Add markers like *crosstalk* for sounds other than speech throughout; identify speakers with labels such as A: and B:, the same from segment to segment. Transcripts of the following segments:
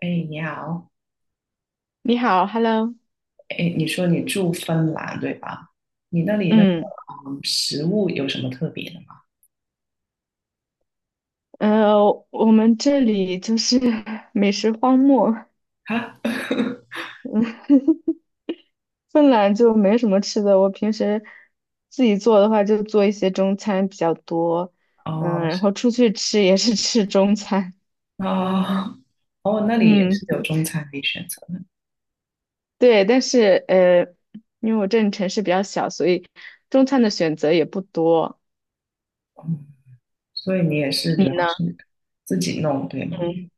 A: 哎，你好。
B: 你好，Hello，
A: 哎，你说你住芬兰对吧？你那里那个
B: 嗯，
A: 食物有什么特别的吗？
B: 我们这里就是 *laughs* 美食荒漠，
A: 哈，
B: *laughs* 芬兰就没什么吃的。我平时自己做的话，就做一些中餐比较多，
A: *laughs*
B: 嗯，
A: 哦。
B: 然后出去吃也是吃中餐，
A: 哦。哦，那
B: *laughs*
A: 里也
B: 嗯，
A: 是有中餐可以选择的。
B: 对。但是因为我这里城市比较小，所以中餐的选择也不多。
A: 嗯，所以你也是主
B: 你
A: 要
B: 呢？
A: 是自己弄对吗？
B: 嗯，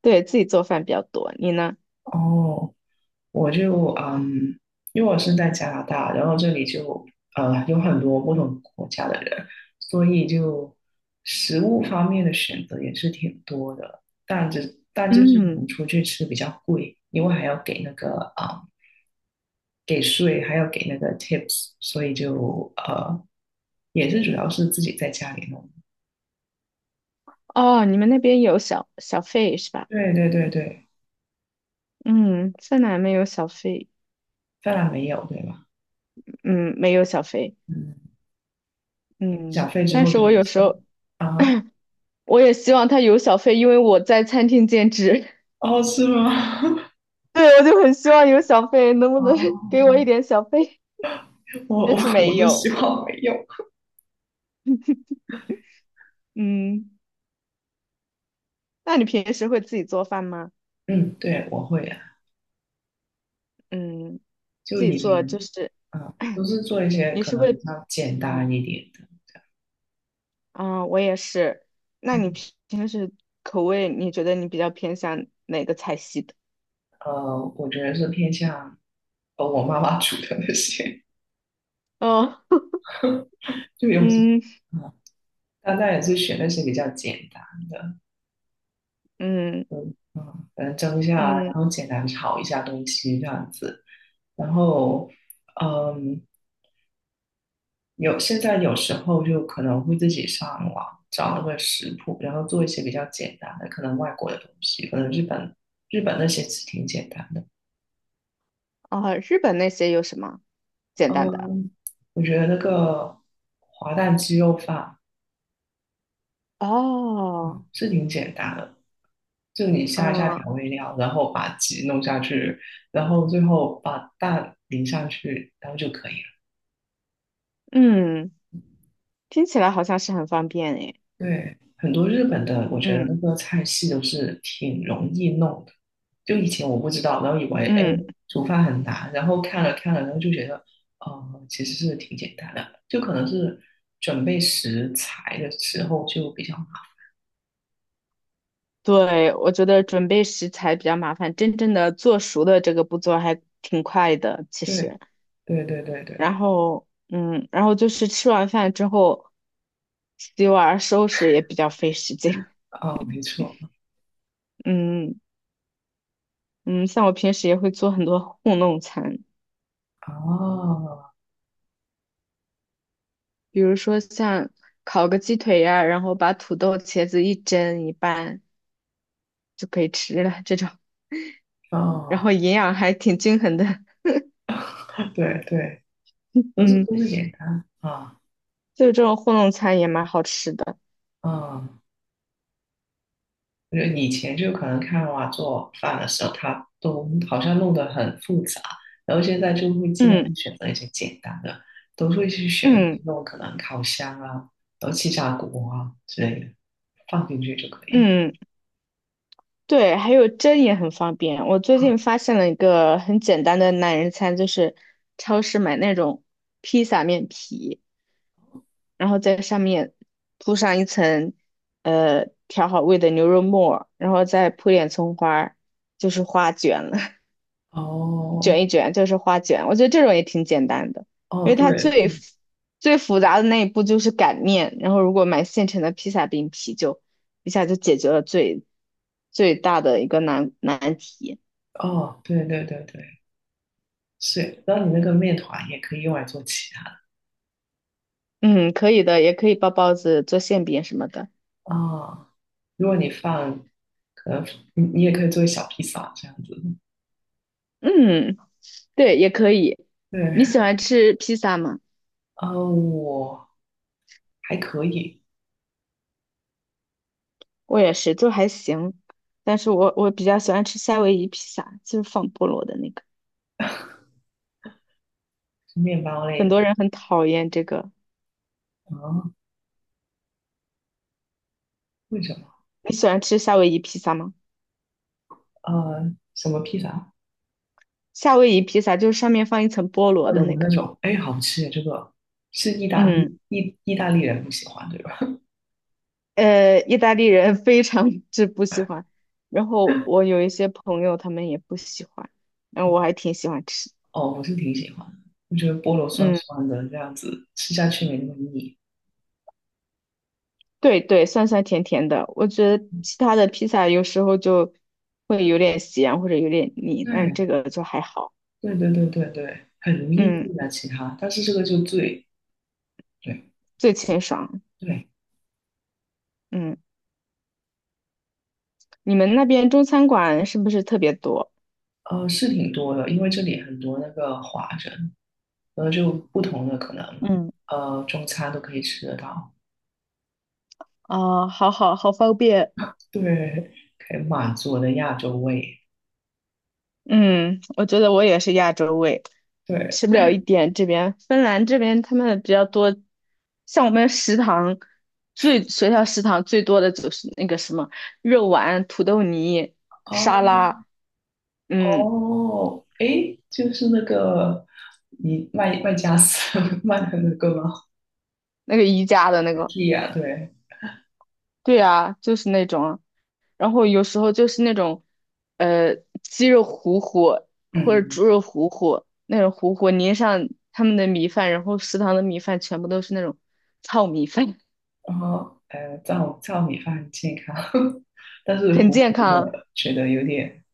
B: 对，自己做饭比较多。你呢？
A: 哦，我就因为我是在加拿大，然后这里就有很多不同国家的人，所以就食物方面的选择也是挺多的，但就是可能
B: 嗯，
A: 出去吃比较贵，因为还要给那个啊、给税，还要给那个 tips，所以就也是主要是自己在家里弄。
B: 哦，你们那边有小费是吧？
A: 对对对对，
B: 嗯，芬兰没有小费，
A: 当然没有对吧？
B: 嗯，没有小费，
A: 嗯，给了小
B: 嗯，
A: 费之
B: 但
A: 后就
B: 是我有时
A: 是
B: 候
A: 啊。
B: 我也希望他有小费，因为我在餐厅兼职，
A: 哦，是吗？*laughs*
B: *laughs* 对，我就很希望有小费，能不能 *laughs* 给
A: 哦。
B: 我一点小费？
A: *laughs* 我我
B: 但是
A: 我
B: 没
A: 是希
B: 有，
A: 望没有。
B: 嗯，那你平时会自己做饭吗？
A: 嗯，对，我会啊。
B: 嗯，
A: 就
B: 自己
A: 以
B: 做
A: 前
B: 就是
A: 啊，都是做一些
B: 你
A: 可
B: 是
A: 能比
B: 会，
A: 较简单
B: 嗯，
A: 一点的。
B: 啊，我也是，那你
A: 嗯，
B: 平时口味你觉得你比较偏向哪个菜系的？
A: 我觉得是偏向我妈妈煮的那些，
B: 哦，
A: 就
B: *laughs*
A: 有时
B: 嗯
A: 啊，大概也是选那些比较简单的。
B: 嗯
A: 嗯，可能蒸一下，然
B: 嗯，
A: 后简单炒一下东西这样子。然后，嗯，现在有时候就可能会自己上网找那个食谱，然后做一些比较简单的，可能外国的东西，可能日本那些是挺简单的。
B: 啊，日本那些有什么？简单的。
A: 嗯，我觉得那个滑蛋鸡肉饭，嗯，
B: 哦，
A: 是挺简单的，就你下一下
B: 嗯
A: 调味料，然后把鸡弄下去，然后最后把蛋淋上去，然后就可以了。
B: 嗯，听起来好像是很方便诶。
A: 对，很多日本的，我觉得
B: 嗯
A: 那个菜系都是挺容易弄的。就以前我不知道，然后以为哎
B: 嗯，
A: 煮饭很难，然后看了看了，然后就觉得，其实是挺简单的，就可能是准备食材的时候就比较麻烦。
B: 对，我觉得准备食材比较麻烦，真正的做熟的这个步骤还挺快的，其
A: 对
B: 实。
A: 对对对
B: 然
A: 对。
B: 后，嗯，然后就是吃完饭之后洗碗收拾也比较费时间。
A: 哦，没错。
B: *laughs* 嗯嗯，像我平时也会做很多糊弄餐，
A: 哦
B: 比如说像烤个鸡腿呀、然后把土豆、茄子一蒸一拌就可以吃了这种。然
A: 哦，
B: 后营养还挺均衡的，
A: *laughs* 对对，
B: *laughs*
A: 都是
B: 嗯，
A: 都是简单啊
B: 就这种糊弄餐也蛮好吃的，
A: 啊。我觉得以前就可能看娃做饭的时候，他都好像弄得很复杂，然后现在就会尽量
B: 嗯
A: 去选择一些简单的，都会去选那些
B: 嗯
A: 那种可能烤箱啊，然后气炸锅啊之类的，放进去就可以了。
B: 嗯，对，还有蒸也很方便。我最近
A: 啊，
B: 发现了一个很简单的懒人餐，就是超市买那种披萨面皮，然后在上面铺上一层调好味的牛肉末儿然后再铺点葱花儿就是花卷了。
A: 哦
B: 卷一卷，就是花卷。我觉得这种也挺简单的，因
A: 哦，
B: 为它
A: 对对。
B: 最复杂的那一步就是擀面，然后如果买现成的披萨饼皮就一下就解决了最大的一个难题。
A: 哦，对对对对，是。然后你那个面团也可以用来做其他的
B: 嗯，可以的，也可以包包子、做馅饼什么的。
A: 啊，如果你放，可能你也可以做小披萨这样子。
B: 嗯，对，也可以。
A: 对，
B: 你喜欢吃披萨吗？
A: *laughs* 我还可以。
B: 我也是，就还行，但是我比较喜欢吃夏威夷披萨，就是放菠萝的那个。
A: 面包类。
B: 很
A: 的。
B: 多人很讨厌这个。
A: 啊，为什么？
B: 你喜欢吃夏威夷披萨吗？
A: 什么披萨？
B: 夏威夷披萨就是上面放一层菠萝
A: 锅
B: 的那
A: 炉那
B: 个，
A: 种？哎，好吃耶！这个是意大
B: 嗯，
A: 利意意大利人不喜欢，对吧？
B: 意大利人 *laughs* 非常之不喜欢，
A: *laughs*
B: 然后我有一些朋友他们也不喜欢，然后
A: 嗯
B: 我还挺喜欢吃，
A: 哦，我是挺喜欢的，我觉得菠萝酸
B: 嗯，
A: 酸的，这样子吃下去没那么腻。
B: 对对，酸酸甜甜的，我觉得其他的披萨有时候就会有点咸或者有点腻，但是这
A: 对，
B: 个就还好，
A: 对对对对对，很容易
B: 嗯，
A: 腻啊，其他，但是这个就最，对
B: 最清爽，
A: 对，
B: 嗯，你们那边中餐馆是不是特别多？
A: 是挺多的，因为这里很多那个华人，然后就不同的可能，
B: 嗯
A: 中餐都可以吃得到。
B: 啊，好好好方便，
A: 对，可以满足我的亚洲胃，
B: 嗯，我觉得我也是亚洲胃，
A: 对。
B: 吃不了一点这边芬兰这边他们比较多，像我们食堂学校食堂最多的就是那个什么肉丸、土豆泥、
A: 哦
B: 沙拉，嗯，
A: 哦，诶，就是那个你卖家私 *laughs* 卖的那个吗
B: 那个宜家的那个，
A: ？IKEA 对。
B: 对啊，就是那种啊然后有时候就是那种呃鸡肉糊糊或者
A: 嗯，
B: 猪肉糊糊那种糊糊淋上他们的米饭，然后食堂的米饭全部都是那种糙米饭，
A: 然后糙米饭很健康。*laughs* 但
B: *laughs*
A: 是
B: 很
A: 糊
B: 健
A: 糊
B: 康。
A: 的，觉得有点，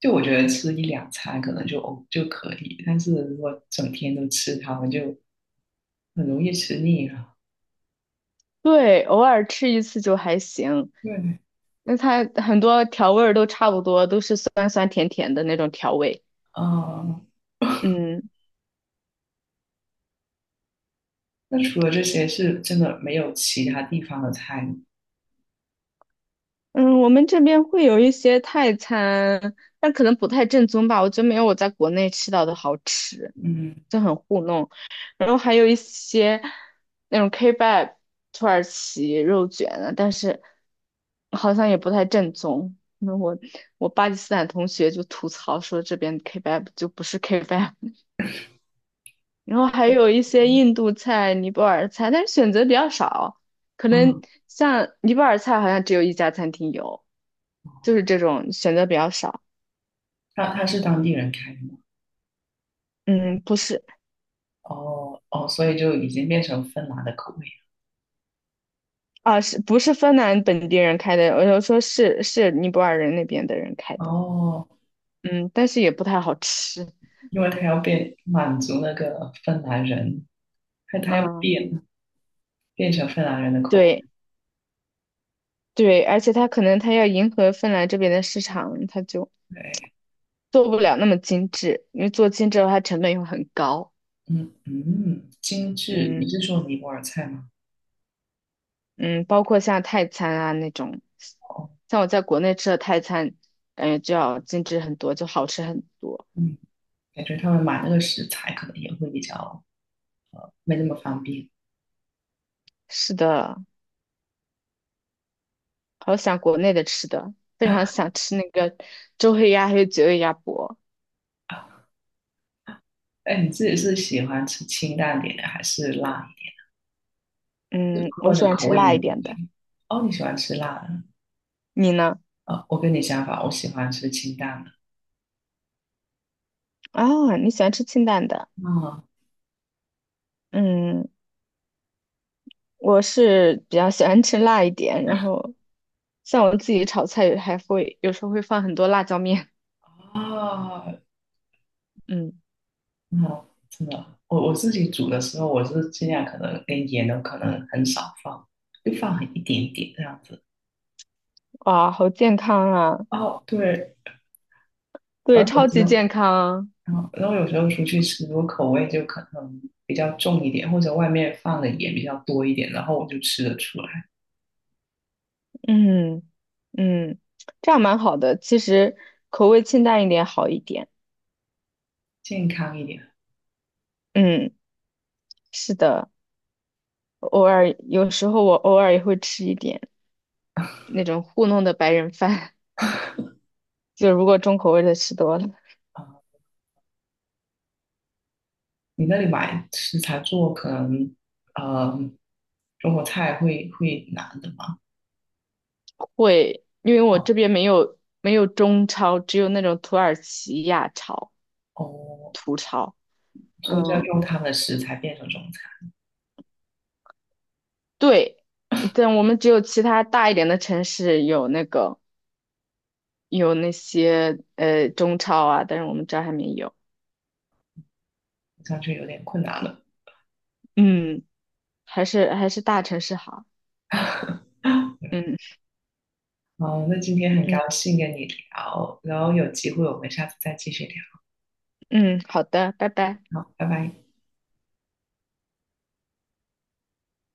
A: 就我觉得吃一两餐可能就哦就可以，但是如果整天都吃它们，就很容易吃腻了。
B: 对，偶尔吃一次就还行。
A: 对。
B: 那它很多调味儿都差不多，都是酸酸甜甜的那种调味。
A: 啊，
B: 嗯
A: 那除了这些是真的没有其他地方的菜吗？
B: 嗯，我们这边会有一些泰餐，但可能不太正宗吧。我觉得没有我在国内吃到的好吃，
A: 嗯，
B: 就很糊弄。然后还有一些那种 kebab 土耳其肉卷啊，但是好像也不太正宗。那我巴基斯坦同学就吐槽说，这边 kebab 就不是 kebab。然后还有一些印度菜、尼泊尔菜，但是选择比较少。可能
A: 啊。
B: 像尼泊尔菜好像只有一家餐厅有，就是这种选择比较少。
A: 他是当地人开的吗？
B: 嗯，不是
A: 哦哦，所以就已经变成芬兰的口味
B: 啊，是不是芬兰本地人开的？我就说是尼泊尔人那边的人开
A: 了。
B: 的。
A: 哦，
B: 嗯，但是也不太好吃。
A: 因为他要变满足那个芬兰人，他要
B: 嗯，
A: 变成芬兰人的口味。
B: 对对，而且他可能他要迎合芬兰这边的市场，他就
A: 对。
B: 做不了那么精致，因为做精致的话成本又很高。
A: 嗯嗯，精致。你
B: 嗯。
A: 是说尼泊尔菜吗？
B: 嗯，包括像泰餐啊那种，
A: 哦。
B: 像我在国内吃的泰餐，感觉就要精致很多，就好吃很多。
A: 嗯，感觉他们买那个食材可能也会比较没那么方便
B: 是的，好想国内的吃的，非常想吃那个周黑鸭还有绝味鸭脖。
A: 啊。哎，你自己是喜欢吃清淡点的，还是辣一点，
B: 嗯，我
A: 或者
B: 喜欢
A: 口
B: 吃
A: 味
B: 辣
A: 浓
B: 一点
A: 一
B: 的，
A: 点哦，你喜欢吃辣的？
B: 你呢？
A: 啊、我跟你相反，我喜欢吃清淡的。
B: 啊，你喜欢吃清淡的？
A: 啊
B: 嗯，我是比较喜欢吃辣一点，然后像我自己炒菜还会有时候会放很多辣椒面。
A: 啊，
B: 嗯，
A: 那真的，我自己煮的时候，我是尽量可能连盐都可能很少放，就放很一点点这样子。
B: 哇，好健康啊！
A: 哦，对，然
B: 对，
A: 后
B: 超
A: 有时
B: 级
A: 候，
B: 健康。
A: 然后有时候出去吃，我口味就可能比较重一点，或者外面放的盐比较多一点，然后我就吃得出来，
B: 嗯嗯，这样蛮好的。其实口味清淡一点好一点。
A: 健康一点。
B: 嗯，是的，偶尔有时候我偶尔也会吃一点那种糊弄的白人饭，*laughs* 就如果重口味的吃多了，
A: 啊，你那里买食材做可能，呃，中国菜会难的嘛？
B: 会，因为我这边没有中超，只有那种土耳其亚超、
A: 哦，
B: 土超。
A: 所以就要
B: 嗯，
A: 用他们的食材变成中餐。
B: 对，但我们只有其他大一点的城市有那个有那些中超啊，但是我们这儿还没有。
A: 好像就有点困难了。
B: 嗯。还是大城市好。嗯
A: 嗯，那今天很
B: 嗯
A: 高兴跟你聊，然后有机会我们下次再继续聊。
B: 嗯，好的，拜拜。
A: 好，拜拜。